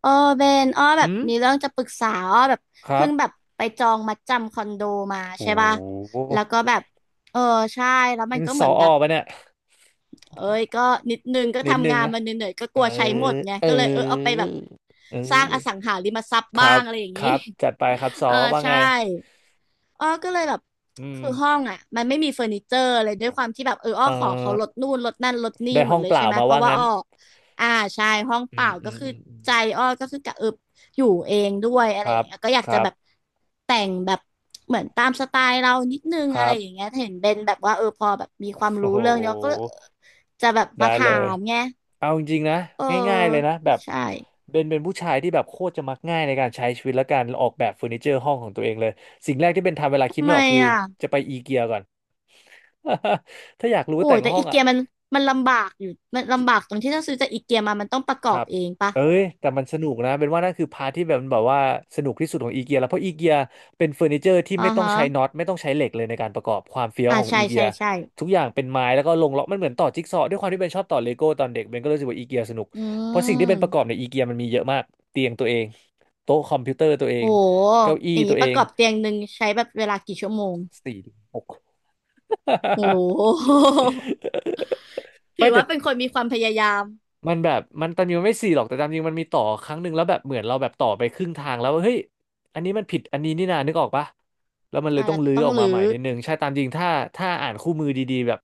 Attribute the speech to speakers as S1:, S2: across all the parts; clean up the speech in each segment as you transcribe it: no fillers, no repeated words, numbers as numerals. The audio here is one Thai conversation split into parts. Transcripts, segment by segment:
S1: เออเบนอ้อแบบ
S2: อืม
S1: มีเรื่องจะปรึกษาอ้อแบบ
S2: ครั
S1: เพิ่
S2: บ
S1: งแบบไปจองมัดจำคอนโดมา
S2: โ
S1: ใช่ป่ะ
S2: ห
S1: แล้วก็แบบเออใช่แล้วมั
S2: นี่
S1: น
S2: มั
S1: ก็
S2: นส
S1: เหมื
S2: อ
S1: อน
S2: อ
S1: แบ
S2: อ
S1: บ
S2: ปะเนี่ย
S1: เอ้ยก็นิดนึงก็
S2: นิดนึ
S1: ทำ
S2: ง
S1: งาน
S2: อะ
S1: มาเหนื่อยๆก็
S2: เอ
S1: ก
S2: อ
S1: ลัวใช้หมดไง
S2: เอ
S1: ก็เลยเอาไป
S2: อ
S1: แบบ
S2: เอ
S1: สร้างอสัง
S2: อ
S1: หาริมทรัพย์
S2: ครั
S1: บ้าง
S2: บ
S1: อะไรอย่าง
S2: ค
S1: นี้
S2: รับ จัดไปครับส อ
S1: เออ
S2: ว่าไง
S1: ใช่ อ้อก็เลยแบบ
S2: อืม
S1: คือห้องอ่ะมันไม่มีเฟอร์นิเจอร์อะไรด้วยความที่แบบอ้อ
S2: เออ
S1: ขอเขาลดนู่นลดนั่นลดนี่
S2: ได้
S1: หม
S2: ห้
S1: ด
S2: อง
S1: เลย
S2: เป
S1: ใช่
S2: ล่า
S1: ไหม
S2: มา
S1: เพ
S2: ว่า
S1: ราะว่า
S2: งั้น
S1: อ้ออ่าใช่ห้อง
S2: อื
S1: เปล่า
S2: มอื
S1: ก็
S2: ม
S1: คือ
S2: อืมอืม
S1: ใจอ้อก็คือกะเอิบอยู่เองด้วยอะ
S2: ค
S1: ไรอ
S2: รั
S1: ย่า
S2: บ
S1: งเงี้ยก็อยาก
S2: ค
S1: จะ
S2: รับ
S1: แบบแต่งแบบเหมือนตามสไตล์เรานิดนึง
S2: ค
S1: อะ
S2: รั
S1: ไร
S2: บ
S1: อย่างเงี้ยเห็นเบนแบบว่าพอแบบมีความ
S2: โอ้
S1: รู้
S2: โห
S1: เรื่องเนี้ยก็จะแบบ
S2: ได้
S1: มา
S2: เล
S1: ถา
S2: ย
S1: มไง
S2: เอาจริงๆนะ
S1: เ
S2: ง่ายๆเลย
S1: ออ
S2: นะแบบ
S1: ใช่
S2: เบนเป็นผู้ชายที่แบบโคตรจะมักง่ายในการใช้ชีวิตและการออกแบบเฟอร์นิเจอร์ห้องของตัวเองเลยสิ่งแรกที่เบนทำเวลาคิด
S1: ทำ
S2: ไม่
S1: ไม
S2: ออกคือ
S1: อ่ะ
S2: จะไปอีเกียก่อน ถ้าอยากรู้
S1: โอ้
S2: ว่าแต่
S1: ย
S2: ง
S1: แต่
S2: ห้อ
S1: อี
S2: งอ่ะ
S1: เกียมันมันลำบากอยู่มันลำบากตรงที่ถ้าซื้อจากอีเกียมามันต้องประก
S2: ค
S1: อ
S2: รั
S1: บ
S2: บ
S1: เองปะ
S2: เอ้ย แต่มันสนุกนะ เป็นว่านั่นคือพาร์ทที่แบบมันแบบว่าสนุกที่สุดของอีเกียแล้วเพราะอีเกียเป็นเฟอร์นิเจอร์ที่
S1: อ่า
S2: ไม่ต้อง
S1: ฮะ
S2: ใช้น็อตไม่ต้องใช้เหล็กเลยในการประกอบความเฟี้ยว
S1: อ่า
S2: ของ
S1: ใช่
S2: อีเกี
S1: ใช่
S2: ย
S1: ใช่
S2: ทุกอย่างเป็นไม้แล้วก็ลงล็อกมันเหมือนต่อจิ๊กซอว์ด้วยความที่เบนชอบต่อเลโก้ตอนเด็กเบนก็รู้สึกว่าอีเกียสนุก
S1: อื
S2: เพราะสิ่งที่เป็นประกอบ
S1: ม
S2: ในอีเกียมันมีเยอะมากเตียงตัวเองโต๊ะคอมพิวเตอร์ตัวเอ
S1: โอ้
S2: ง
S1: โห
S2: เก้าอี้
S1: อย่าง
S2: ตั
S1: นี้
S2: ว
S1: ป
S2: เอ
S1: ระ
S2: ง
S1: กอบเตียงหนึ่งใช้แบบเวลากี่ชั่วโมง
S2: สี่หก
S1: โอ้โห ถื
S2: ไม่
S1: อ
S2: แต่
S1: ว่าเป็นคนมีความพยายาม
S2: มันแบบมันตามจริงมันไม่สี่หรอกแต่ตามจริงมันมีต่อครั้งหนึ่งแล้วแบบเหมือนเราแบบต่อไปครึ่งทางแล้วว่าเฮ้ยอันนี้มันผิดอันนี้นี่นานึกออกปะแล้วมันเล
S1: อ่า
S2: ยต้อ
S1: แล้
S2: ง
S1: ว
S2: รื้อ
S1: ต้อง
S2: ออกมา
S1: รื้อ
S2: ใหม่นิดนึงใช่ตามจริงถ้าอ่านคู่มือดีๆแบบ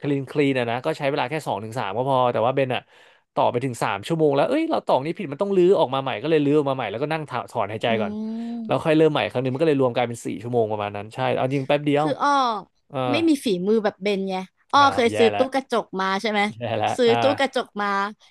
S2: คลีนคลีนอะนะก็ใช้เวลาแค่สองถึงสามก็พอแต่ว่าเบนอะต่อไปถึงสามชั่วโมงแล้วเอ้ยเราต่อนี้ผิดมันต้องรื้อออกมาใหม่ก็เลยรื้อออกมาใหม่แล้วก็นั่งถถอนหายใจ
S1: อื
S2: ก่อนแล้วค่อ
S1: ม
S2: ยเริ่มใหม่ครั้งหนึงมันก็เลยรวมกลายเป็นสี่ชั่วโมงประมาณนั้นใช่เอาจริงแป๊บเดียว
S1: คืออ้อ
S2: ออ
S1: ไม่มีฝีมือแบบเบนไงอ้อ
S2: อ้า
S1: เค
S2: ว
S1: ย
S2: แย่
S1: ซื้อ
S2: แล้ว
S1: ตู้กระจกมาใช่ไหม
S2: แย่แล้ว
S1: ซื้อ
S2: อ่า
S1: ตู้กระจกมา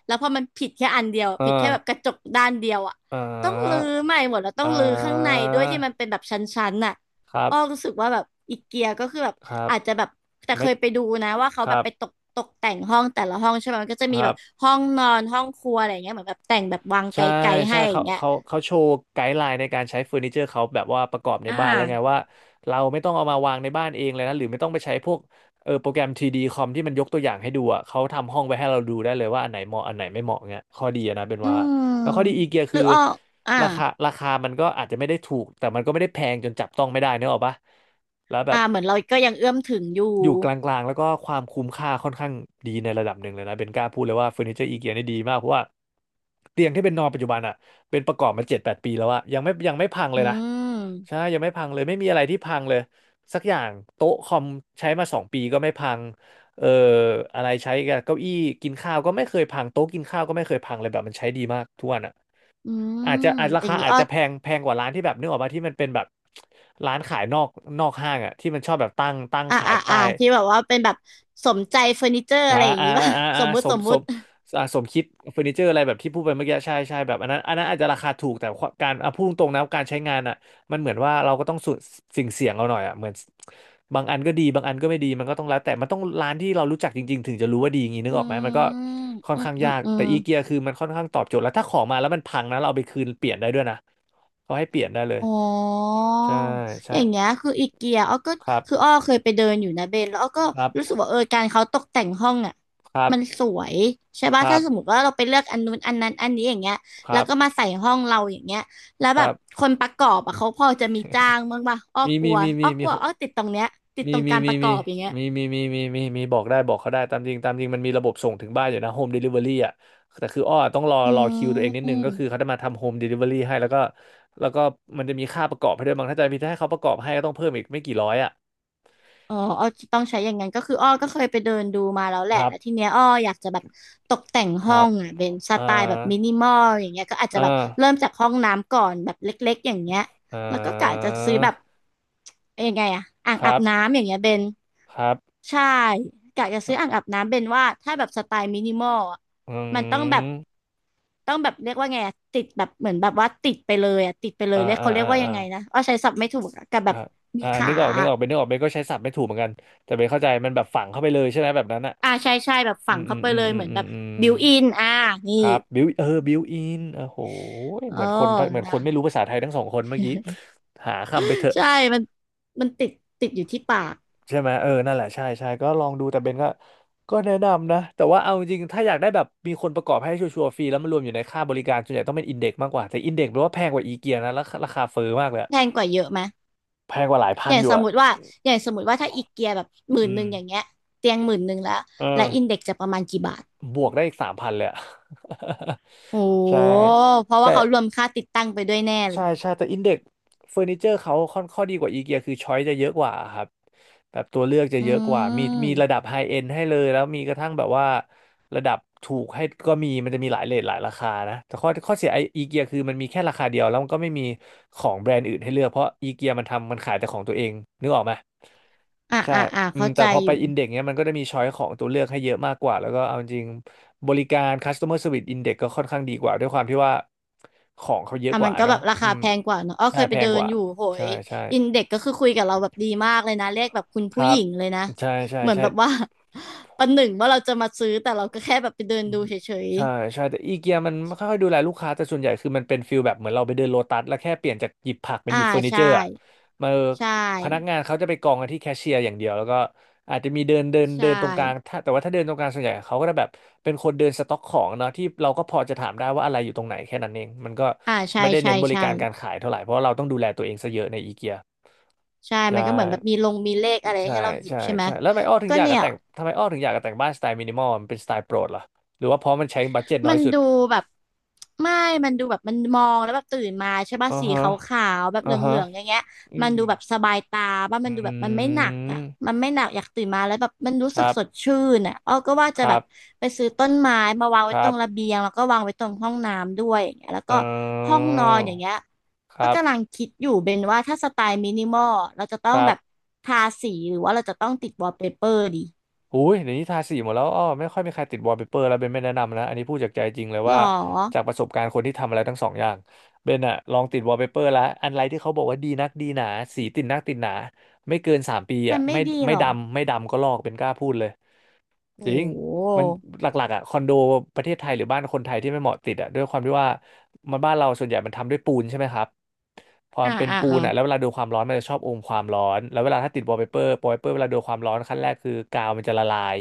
S1: แล้วพอมันผิดแค่อันเดียวผิดแค่แบบกระจกด้านเดียวอ่ะ
S2: อ่า
S1: ต้องรื้อใหม่หมดแล้วต้อ
S2: อ่า
S1: งรื้อข้างใน
S2: อ่า
S1: ด้วยที่มันเป็นแบบชั้นๆน่ะ
S2: ครับ
S1: อ้อรู้สึกว่าแบบอีเกียก็คือแบบ
S2: ครับ
S1: อาจจะแบบแต่
S2: ไม่
S1: เคยไปดูนะว่าเขา
S2: ค
S1: แบ
S2: รั
S1: บ
S2: บ
S1: ไปตกแต่งห้องแต่ละห้องใช่ไหมมันก็จะ
S2: ค
S1: มี
S2: รั
S1: แบบ
S2: บ
S1: ห้องนอนห้องครัวอะไรอย่างเงี้ยเหมือนแบบแต่งแบบวางไก
S2: ใช่
S1: ลๆ
S2: ใช่
S1: ให้อย่า
S2: เขา
S1: งเงี้ย
S2: เขาเขาโชว์ไกด์ไลน์ในการใช้เฟอร์นิเจอร์เขาแบบว่าประกอบใน
S1: อ่
S2: บ้านแล้วไง
S1: า
S2: ว่าเราไม่ต้องเอามาวางในบ้านเองเลยนะหรือไม่ต้องไปใช้พวกโปรแกรมทรีดีคอมที่มันยกตัวอย่างให้ดูอ่ะเขาทำห้องไว้ให้เราดูได้เลยว่าอันไหนเหมาะอันไหนไม่เหมาะเงี้ยข้อดีอะนะเป็น
S1: อื
S2: ว่า
S1: ม
S2: แล้วข้อดีอีเกีย
S1: ห
S2: คื
S1: รื
S2: อ
S1: ออ้ออ่า
S2: ราคาราคามันก็อาจจะไม่ได้ถูก แต่มันก็ไม่ได้แพงจนจับต้องไม่ได้เนกอะปะแล้วแบบ
S1: อ่าเหมือนเราก็ยังเอื้อมถึงอยู่
S2: อยู่กลางๆแล้วก็ความคุ้มค่าค่อนข้างดีในระดับหนึ่งเลยนะเบนกล้าพูดเลยว่าเฟอร์นิเจอร์อีเกียนี่ดีมากเพราะว่าเตียงที่เป็นนอนปัจจุบันอ่ะเป็นประกอบมาเจ็ดแปดปีแล้วอะยังไม่พังเล
S1: อื
S2: ยนะใช่
S1: ม
S2: ยังไม่พังเลยไม่มีอะไรที่พังเลยสักอย่างโต๊ะคอมใช้มาสองปีก็ไม่พังเอ่ออะไรใช้กับเก้าอี้กินข้าวก็ไม่เคยพังโต๊ะกินข้าวก็ไม่เคยพังเลยแบบมันใช้ดีมากทุกวันอ่ะ
S1: อื
S2: อาจจะ
S1: ม
S2: อาจรา
S1: อย่าง
S2: คา
S1: นี้
S2: อาจ
S1: อ้อ
S2: จะแพงแพงกว่าร้านที่แบบนึกออกาที่มันเป็นแบบร้านขายนอกนอกห้างอ่ะที่มันชอบแบบตั้ง
S1: อ่า
S2: ขาย
S1: อ่า อ่า
S2: ใต้
S1: ที่แบบว่าเป็นแบบสมใจเฟอร์นิเจอร์
S2: อ่า
S1: อะไรอย่าง
S2: อ่า
S1: นี้ ป่ะ
S2: อ่าอ่า
S1: ส
S2: อ่า
S1: มมุ
S2: ส
S1: ติส
S2: ม
S1: ม
S2: ส
S1: มุ
S2: ม
S1: ติ
S2: อ่าสมคิดเฟอร์นิเจอร์อะไรแบบที่พูดไปเมื่อกี้ใช่ใช่แบบอันนั้นอันนั้นอาจจะราคาถูกแต่ความการอ่ะพูดตรงๆนะการใช้งานอ่ะมันเหมือนว่าเราก็ต้องสูสิ่งเสี่ยงเอาหน่อยอ่ะเหมือนบางอันก็ดีบางอันก็ไม่ดีมันก็ต้องแล้วแต่มันต้องร้านที่เรารู้จักจริงๆถึงจะรู้ว่าดีอย่างนี้นึก
S1: อื
S2: ออกไหมมันก็
S1: ม
S2: ค่อน
S1: อืม
S2: ข้าง
S1: อื
S2: ยา
S1: ม
S2: ก
S1: อื
S2: แต่
S1: ม
S2: อีเกียคือมันค่อนข้างตอบโจทย์แล้วถ้าของมาแล้วมันพังนะเราเอาไปคืนเปลี่ยนได้ด้วยนะเขาให้เปลี่ยนได้เลย
S1: อ๋อ
S2: ใช่
S1: อ
S2: ใช่
S1: ย่างเงี้ยคืออีเกียอ้อก็
S2: ครั
S1: คืออ้
S2: บ
S1: อเคยไปเดินอยู่นะเบนแล้วอ้อก็
S2: ครับ
S1: รู้สึกว่าการเขาตกแต่งห้องอ่ะ
S2: ครั
S1: มัน
S2: บ
S1: สวยใช่
S2: ค
S1: ป่ะ
S2: รั
S1: ถ้า
S2: บ
S1: สมมติว่าเราไปเลือกอันนู้นอันนั้นอันนี้อย่างเงี้ย
S2: ค
S1: แล้
S2: รั
S1: วก็มา
S2: บ
S1: ใส่ห้องเราอย่างเงี้ยแล้ว
S2: ค
S1: แบ
S2: รั
S1: บ
S2: บ
S1: คนประกอบอ่ะเขาพอจะมีจ้างบ้างป่ะอ้อ
S2: มี
S1: กลั
S2: มี
S1: ว
S2: มีมีมี
S1: อ้อติดตรงเนี้ยติด
S2: มี
S1: ตรง
S2: มี
S1: การป
S2: มี
S1: ระก
S2: มี
S1: อบอย่างเงี้ย
S2: มีมีมีมีมีมีบอกเขาได้ตามจริงตามจริงมันมีระบบส่งถึงบ้านอยู่นะโฮมเดลิเวอรี่อ่ะแต่คืออ้อต้องรอ
S1: อื
S2: รอคิวตัวเองนิดนึงก็คือเขา
S1: ม
S2: จะมาทำโฮมเดลิเวอรี่ให้แล้วก็แล้วก็มันจะมีค่าประกอบให้ด้วยบางถ้าจะมีถ้าให้เขาประกอบให้ก็ต้องเพิ่มอีกไม่กี่ร้อยอ่ะ
S1: อ๋ออ้อต้องใช้อย่างนั้นก็คืออ้อก็เคยไปเดินดูมาแล้วแห
S2: ค
S1: ละ
S2: รั
S1: แล้วที
S2: บ
S1: เนี้ยอ้ออยากจะแบบตกแต่ง
S2: ค
S1: ห้อ
S2: รับ
S1: งอ่ะเป็นส
S2: อ่า
S1: ไตล์แบบมินิมอลอย่างเงี้ยก็อาจจะ
S2: อ่า
S1: แบบเริ่มจากห้องน้ำก่อนแบบเล็กๆอย่างเงี้ย
S2: อ่
S1: แล้วก็กะจะ
S2: า
S1: ซื้อแบบเอ้ยยังไงอ่ะอ่าง
S2: ค
S1: อา
S2: รั
S1: บ
S2: บ
S1: น้ำอย่างเงี้ยเบน
S2: ครับ
S1: ใช่กะจะซื้ออ่างอาบน้ำเบนว่าถ้าแบบสไตล์มินิมอลอะ
S2: อื
S1: มันต้องแบบ
S2: ม
S1: ต้องแบบเรียกว่าไงอะติดแบบเหมือนแบบว่าติดไปเลยอ่ะติดไปเลย
S2: อ่า
S1: เรียก
S2: อ่า
S1: เขาเรีย
S2: อ่า
S1: กว่ายั
S2: อ่า
S1: งไงนะอ้อใช้ศัพท์ไม่ถูกอะกับแบ
S2: อ่า
S1: บมี
S2: อ่า
S1: ขา
S2: นึกออกเป็นก็ใช้ศัพท์ไม่ถูกเหมือนกันแต่เป็นเข้าใจมันแบบฝังเข้าไปเลยใช่ไหมแบบนั้นอ่ะ
S1: อ่าใช่ใช่แบบ
S2: อื
S1: ฝัง
S2: มอื
S1: เข้า
S2: ม
S1: ไป
S2: อื
S1: เล
S2: ม
S1: ย
S2: อื
S1: เห
S2: ม
S1: มือน
S2: อื
S1: แบ
S2: ม
S1: บ
S2: อืม
S1: บิวอินอ่านี่
S2: ครับบิวเออบิวอินโอ้โห
S1: เอ
S2: เห
S1: อ
S2: มือนคนเหมือนค
S1: นะ
S2: นไม่รู้ภาษาไทยทั้งสองคนเมื่อกี้หาคำไปเถอะ
S1: ใช่มันมันติดติดอยู่ที่ปาก
S2: ใช่ไหมเออนั่นแหละใช่ใช่ก็ลองดูแต่เบนก็ก็แนะนำนะแต่ว่าเอาจริงๆถ้าอยากได้แบบมีคนประกอบให้ชัวร์ๆฟรีแล้วมันรวมอยู่ในค่าบริการส่วนใหญ่ต้องเป็นอินเด็กซ์มากกว่าแต่อินเด็กซ์แปลว่าแพงกว่าอีเกียนะแล้วราคาเฟ้อมากเลยอะ
S1: แพงกว่าเยอะไหม
S2: แพงกว่าหลายพั
S1: อ
S2: น
S1: ย่าง
S2: อยู่
S1: สม
S2: อะ
S1: มติว่าอย่างสมมติว่าถ้าอีเกียแบบหมื่
S2: อื
S1: นหนึ่
S2: ม
S1: งอย่างเงี้ยเตียงหมื่นหนึ่งแล้ว
S2: เอ
S1: และ
S2: อ
S1: อินเด็กจะประมาณกี่บาท
S2: บวกได้อีก3,000เลยอะ
S1: โอ้
S2: ใช่
S1: เพราะว่า
S2: แต่
S1: เขารวมค่าติดตั้งไปด้วยแน่เล
S2: ใช่
S1: ย
S2: ใช่แต่อินเด็กเฟอร์นิเจอร์เขาค่อนข้อดีกว่าอีเกียคือช้อยจะเยอะกว่าครับแบบตัวเลือกจะ
S1: อื
S2: เยอะกว่ามีระดั
S1: ม
S2: บไฮเอนด์ให้เลยแล้วมีกระทั่งแบบว่าระดับถูกให้ก็มีมันจะมีหลายเรทหลายราคานะแต่ข้อเสียไออีเกียคือมันมีแค่ราคาเดียวแล้วมันก็ไม่มีของแบรนด์อื่นให้เลือกเพราะอีเกียมันทำมันขายแต่ของตัวเองนึกออกไหม
S1: อ่า
S2: ใช่
S1: อ่าอ่า
S2: อืม
S1: เข้า
S2: แต่
S1: ใจ
S2: พอ
S1: อ
S2: ไป
S1: ยู่
S2: อินเด็กเนี้ยมันก็จะมีช้อยของตัวเลือกให้เยอะมากกว่าแล้วก็เอาจริงบริการ customer service index ก็ค่อนข้างดีกว่าด้วยความที่ว่า ของเขาเยอะ
S1: อ่ะ
S2: ก
S1: มั
S2: ว่า
S1: นก็แบ
S2: เนาะ
S1: บรา
S2: อื
S1: คา
S2: ม
S1: แพงกว่าเนอะอ้อ
S2: ใช่
S1: เคยไป
S2: แพง
S1: เดิ
S2: ก
S1: น
S2: ว่า
S1: อยู่โห
S2: ใช่
S1: ย
S2: ใช่
S1: อินเด็กก็คือคุยกับเราแบบดีมากเลยนะเรียกแบบคุณ
S2: ค
S1: ผู้ห
S2: รับ
S1: ญิงเลยนะ
S2: ใช่ใช่
S1: เหมือน
S2: ใช่
S1: แบบว่า ประหนึ่งว่าเราจะมาซื้อแต่เราก็แค่แบบไปเดินดูเฉย
S2: ใช่ใช่แต่อีเกียมันไม่ค่อยดูแลลูกค้าแต่ส่วนใหญ่คือมันเป็นฟิลแบบเหมือนเราไปเดินโลตัสแล้วแค่เปลี่ยนจากหยิบผัก
S1: ๆ
S2: เป็น
S1: อ่า
S2: หยิบเฟอร์นิเจ
S1: ใช่
S2: อร์อ่ะมา
S1: ใช่
S2: พนักงานเขาจะไปกองกันที่แคชเชียร์อย่างเดียวแล้วก็อาจจะมีเดินเดิน
S1: ใช่
S2: เดินตรงกลางถ้าแต่ว่าถ้าเดินตรงกลางส่วนใหญ่เขาก็จะแบบเป็นคนเดินสต็อกของเนาะที่เราก็พอจะถามได้ว่าอะไรอยู่ตรงไหนแค่นั้นเองมันก็
S1: อ่าใช่
S2: ไม่ได้
S1: ใช่
S2: เน้นบริ
S1: ใช่
S2: การการขายเท่าไหร่เพราะว่าเราต้องดูแลตัวเองซะเยอะในอีเกีย
S1: ใช่
S2: ใช่
S1: มันก็เหมือนแบบมีลงมีเลขอะไร
S2: ใช่
S1: ให้เราหยิบ
S2: ใช่
S1: ใช่ไหม
S2: ใช่แล้ว
S1: ก็เนี่ย
S2: ทำไมอ้อถึงอยากจะแต่งบ้านสไตล์มินิมอลมันเป็นสไตล์โปรดเหรอหรือว่าเพราะมันใช้บัดเจ็ตน้อ
S1: มั
S2: ย
S1: น
S2: สุด
S1: ดูแบบไม่มันดูแบบมันมองแล้วแบบตื่นมาใช่ป่ะ
S2: อ่า
S1: สี
S2: ฮะ
S1: ขาวๆแบบเห
S2: อ่าฮะ
S1: ลืองๆอย่างเงี้ย
S2: อื
S1: มัน
S2: ม
S1: ดูแบบสบายตาป่ะ
S2: อ
S1: มันดูแบบมัน
S2: ื
S1: ไม่หนักอ่ะ
S2: ม
S1: มันไม่หนักอยากตื่นมาแล้วแบบมันรู้
S2: ค
S1: สึก
S2: รั
S1: สด
S2: บ
S1: ชื่นอ่ะอ้อก็ว่า
S2: ค
S1: จะ
S2: รั
S1: แบบ
S2: บ
S1: ไปซื้อต้นไม้มาวาง
S2: ค
S1: ไว้
S2: รั
S1: ตรงระ
S2: บ
S1: เบียงแล้วก็วางไว้ตรงห้องน้ำด้วยอย่างเงี้ยแล้ว
S2: เ
S1: ก็ห้อ
S2: อ
S1: ง
S2: อ
S1: นอนอย่างเงี้ย
S2: ค
S1: ก็
S2: รับ
S1: กำลังคิดอยู่เป็นว่าถ้าสไตล์มินิมอลเราจะต้
S2: ค
S1: อง
S2: รั
S1: แบ
S2: บ
S1: บทาสีหรือว่าเราจะต้องติดวอลเปเปอร์ดี
S2: อุ้ยเดี๋ยวนี้ทาสีหมดแล้วอ้อไม่ค่อยมีใครติดวอลเปเปอร์แล้วเบนไม่แนะนำนะ อันนี้พูดจากใจจริงเลย
S1: หร
S2: ว่า
S1: อ
S2: จากประสบการณ์คนที่ทำอะไรทั้งสองอย่างเบนอะลองติดวอลเปเปอร์แล้ว อันไรที่เขาบอกว่าดีนักดีหนา สีติดนักติดหนา ไม่เกิน3 ปี
S1: มั
S2: อะ
S1: นไม่
S2: ไม่
S1: ดีหรอ
S2: ไม่ดำก็ลอกเป็นกล้าพูดเลย จ
S1: โอ้
S2: ริงมันหลักๆอ่ะคอนโดประเทศไทยหรือบ้านคนไทยที่ไม่เหมาะติดอ่ะด้วยความที่ว่ามันบ้านเราส่วนใหญ่มันทำด้วยปูนใช่ไหมครับพอมั
S1: อ่า
S2: นเป็น
S1: อ่า
S2: ปู
S1: อ่า
S2: นอ่ะแล้วเวลาโดนความร้อนมันจะชอบอมความร้อนแล้วเวลาถ้าติดวอลเปเปอร์เวลาโดนความร้อนขั้นแรกคือกาวมันจะละลาย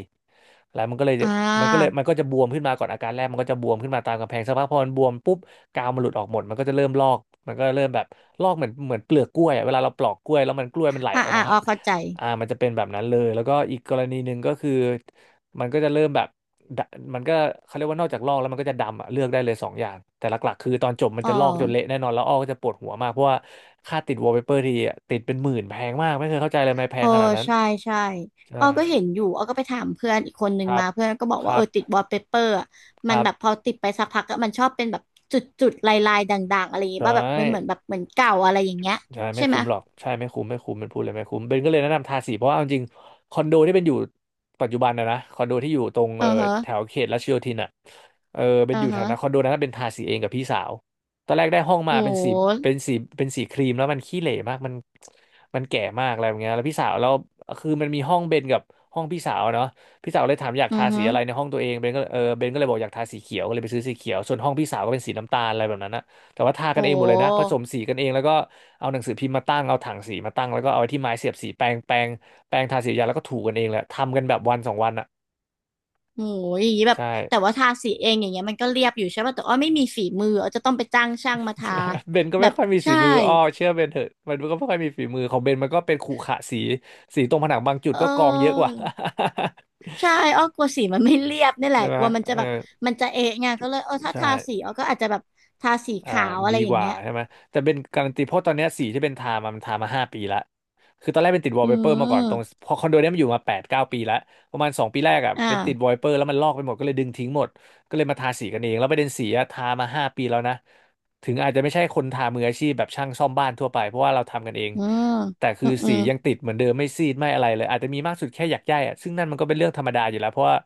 S2: แล้วมันก็เลย
S1: อ่า
S2: มันก็จะบวมขึ้นมาก่อนอาการแรกมันก็จะบวมขึ้นมาตามกำแพงสักพักพอมันบวมปุ๊บกาวมันหลุดออกหมดมันก็จะเริ่มลอกมันก็เริ่มแบบลอกเหมือนเปลือกกล้วยอะเวลาเราปลอกกล้วยแล้วมันกล้วยมันไหล
S1: อ่า
S2: ออก
S1: อ่า
S2: มา
S1: อ
S2: ฮะ
S1: อเข้าใจ
S2: อ่ามันจะเป็นแบบนั้นเลยแล้วก็อีกกรณีหนึ่งก็คือ มันก็จะเริ่มแบบดะมันก็เขาเรียกว่านอกจากลอกแล้วมันก็จะดำอะเลือกได้เลยสองอย่างแต่หลักๆคือตอนจบมัน
S1: อ๋อ
S2: จะลอกจนเละแน่นอนแล้วอ้อก็จะปวดหัวมากเพราะว่าค่าติดวอลเปเปอร์ทีอะติดเป็นหมื่นแพงมากไม่เคยเข้าใจเลยทำไมแพ
S1: เออ
S2: งขนาดนั้น
S1: ใช่ใช่อ
S2: ใช่
S1: อก็เห็นอยู่ออก็ไปถามเพื่อนอีกคนนึ
S2: ค
S1: ง
S2: รับ
S1: มา เพื่อนก็บอก
S2: ค
S1: ว่า
S2: รับ
S1: ติดวอลเปเปอร์อะ
S2: ค
S1: มัน
S2: รั
S1: แบบพ
S2: บ
S1: อติดไปสักพักอะมันชอบเป็นแบบจุดลายด่างๆอะไรอย่างเงี้ย
S2: ใช่
S1: ว่าแบบมันเหมือนแบบเหมือนเก่าอะไรอย่างเงี้ย
S2: ใช่ไม่
S1: ใช่ไหม
S2: คุ้มหรอกใช่ไม่คุ้มไม่คุ้มเป็นพูดเลยไม่คุ้มเบนก็เลยแนะนำทาสีเพราะว่าเอาจริงคอนโดที่เป็นอยู่ปัจจุบันนะคอนโดที่อยู่ตรง
S1: เออ
S2: แถ
S1: ฮะ
S2: วเขตรัชโยธินอ่ะเออเป็
S1: เอ
S2: น
S1: อ
S2: อยู่แถว
S1: ฮะ
S2: นั้นคอนโดนั้นเป็นทาสีเองกับพี่สาวตอนแรกได้ห้อง
S1: โ
S2: มา
S1: ห
S2: เป็นสีเป็นสีครีมแล้วมันขี้เหร่มากมันแก่มากอะไรแบบเงี้ยแล้วพี่สาวแล้วคือมันมีห้องเบนกับห้องพี่สาวเนาะพี่สาวเลยถามอยาก
S1: อื
S2: ทา
S1: อ
S2: สี
S1: ฮะ
S2: อะไรในห้องตัวเองเบนก็เลยเบนก็เลยบอกอยากทาสีเขียวก็เลยไปซื้อสีเขียวส่วนห้องพี่สาวก็เป็นสีน้ำตาลอะไรแบบนั้นนะ แต่ว่าทา
S1: โ
S2: กันเองหมดเลยนะผ
S1: ห
S2: สมสีกันเองแล้วก็เอาหนังสือพิมพ์มาตั้งเอาถังสีมาตั้งแล้วก็เอาไอ้ที่ไม้เสียบสีแปรงทาสียาแล้วก็ถูกันเองแหละทำกันแบบวันสองวันอ่ะ
S1: โหอย่างงี้แบบ
S2: ใช่
S1: แต่ว่าทาสีเองอย่างเงี้ยมันก็เรียบอยู่ใช่ป่ะแต่อ้อไม่มีฝีมืออ้อจะต้องไปจ้างช่างมาทา
S2: เบนก็
S1: แบ
S2: ไม่
S1: บ
S2: ค่อยมีฝี
S1: ใช่
S2: มืออ้อเชื่อเบนเถอะมันก็ไม่ค่อยมีฝีมือของเบนมันก็เป็นขรุขระสีตรงผนังบางจุด
S1: เอ
S2: ก็กองเยอะกว่า
S1: อ ใช่อ้อกลัวสีมันไม่เรียบนี่ แห
S2: ใช่
S1: ละ
S2: ไหม
S1: กลัวมันจะ
S2: เออ
S1: แบบมันจะเอะไงก็เลยถ้า
S2: ใช่
S1: ทาสีอ้อก็อาจจะแบบทาสี
S2: อ่า
S1: ขาวอะ
S2: ดี
S1: ไรอ
S2: ก
S1: ย่าง
S2: ว่า
S1: เงี้ย
S2: ใช่ไหมแต่เป็นการันตีเพราะตอนเนี้ยสีที่เป็นทามามันทามาห้าปีละคือตอนแรกเป็นติดวอล
S1: อื
S2: เปเปอร์มาก่อน ตรง
S1: ม
S2: พอคอนโดเนี้ยมันอยู่มาแปดเก้าปีละประมาณสองปีแรกอ่ะ
S1: อ
S2: เป็นติดวอ
S1: ่า
S2: ลเปเปอร์แล้วมันลอกไปหมดก็เลยดึงทิ้งหมดก็เลยมาทาสีกันเอง แล้วประเด็นสีอะทามาห้าปีแล้วนะถึงอาจจะไม่ใช่คนทามืออาชีพแบบช่างซ่อมบ้านทั่วไปเพราะว่าเราทำกันเอง
S1: อืม
S2: แต่คื
S1: อื
S2: อ
S1: มอื
S2: สี
S1: ม
S2: ยังติดเหมือนเดิมไม่ซีดไม่อะไรเลยอาจจะมีมากสุดแค่หยักหย้ายอ่ะซึ่งนั่นมันก็เป็นเรื่องธรรมดาอยู่แล้วเพราะว่า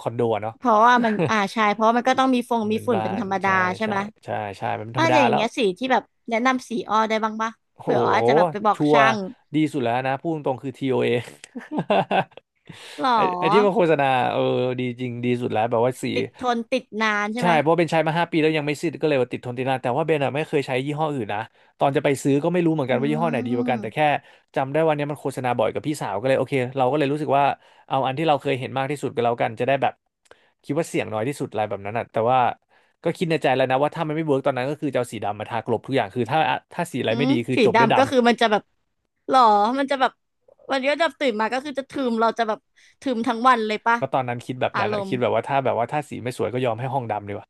S2: คอนโดอะเนาะ
S1: เพราะว่ามันอ่าใช่เพราะว่ามันก็ต้องมีฟง
S2: ม
S1: มี
S2: เป็น
S1: ฝุ่น
S2: บ้า
S1: เป็น
S2: น
S1: ธรรมดา
S2: ใช่
S1: ใช่
S2: ใช่
S1: ไหม
S2: ใช่ใช่มันเป็นธร
S1: อ่า
S2: รมดา
S1: อย่า
S2: แล้
S1: ง
S2: ว
S1: เงี้ยสีที่แบบแนะนำสีอ้อได้บ้างปะ
S2: โอ้โห
S1: เผื่ออ้อจะแบบไปบอก
S2: ชัวร์
S1: ช่าง
S2: ดีสุดแล้วนะพูดตรงๆคือ TOA
S1: หรอ
S2: ไอ้ที่มาโฆษณาเออดีจริงดีสุดแล้วแบบว่าสี
S1: ติดทนติดนานใช่
S2: ใช่
S1: ไหม
S2: เพราะเบนใช้มาห้าปีแล้วยังไม่สิ้นก็เลยว่าติดทนติดนานแต่ว่าเบนอะไม่เคยใช้ยี่ห้ออื่นนะตอนจะไปซื้อก็ไม่รู้เหมือน
S1: อื
S2: กันว่ายี่ห้อไหนดีกว่ากันแต่แค่
S1: ม
S2: จำได้วันนี้มันโฆษณาบ่อยกับพี่สาวก็เลยโอเคเราก็เลยรู้สึกว่าเอาอันที่เราเคยเห็นมากที่สุดก็แล้วกันจะได้แบบคิดว่าเสี่ยงน้อยที่สุดอะไรแบบนั้นอ่ะแต่ว่า ก็คิดในใจแล้วนะว่าถ้ามันไม่เวิร์กตอนนั้นก็คือจะเอาสีดำมาทากลบทุกอย่างคือถ้าสีอะไร
S1: อื
S2: ไม่
S1: ม
S2: ดีคือ
S1: สี
S2: จบด้วยดำ
S1: ดำก็คือมันจะแบบ หรอมันจะแบบวันนี้ก็จะตื่นมาก็คือจะถึมเราจะแบบถึมทั้งวันเลยปะ
S2: ก็ตอนนั้นคิดแบบ
S1: อา
S2: นั้น
S1: ร
S2: อะ
S1: ม
S2: คิด
S1: ณ์
S2: แบบว่าถ้าสีไม่สวยก็ยอมให้ห้องดำดีกว่า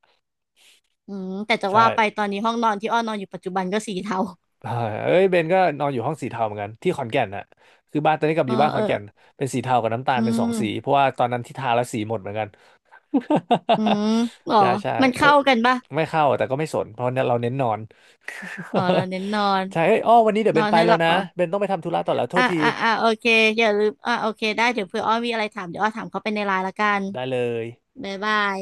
S1: อืมแต่จะ
S2: ใช่
S1: ว่าไป ตอนนี้ห้องนอนที่อ้อนอนอยู่ปัจจุบันก็สีเทา
S2: อ่าเอ้ยเบนก็นอนอยู่ห้องสีเทาเหมือนกันที่ขอนแก่นน่ะคือบ้านตอนนี้กลั บอยู่บ้านข
S1: เอ
S2: อ
S1: อ
S2: นแก่นเป็นสีเทากับน้ำตาล
S1: อื
S2: เป็นสองสีเพ
S1: ม
S2: ราะว่าตอนนั้นที่ทาแล้วสีหมดเหมือนกัน
S1: อืมหร อ
S2: ใช่ใช่
S1: มัน
S2: เอ
S1: เข้า
S2: ย
S1: กันปะ
S2: ไม่เข้าแต่ก็ไม่สนเพราะเนี่ยเราเน้นนอน
S1: อ๋อเราเน้นนอน
S2: ใช่เอ้ยอ้อวันนี้เดี๋ยว
S1: น
S2: เบ
S1: อ
S2: น
S1: น
S2: ไป
S1: ให้ห
S2: แล้ว
S1: ลับ
S2: นะ
S1: อ๋อ
S2: เบนต้องไปทำธุระต่อแล้วโท
S1: อ่ะ
S2: ษที
S1: อ่ะอ่ะโอเคอย่าลืมอ่ะโอเคได้เดี๋ยวเผื่ออ้อมีอะไรถามเดี๋ยวอ้อถามเขาไปในไลน์ละกัน
S2: ได้เลย
S1: บ๊ายบาย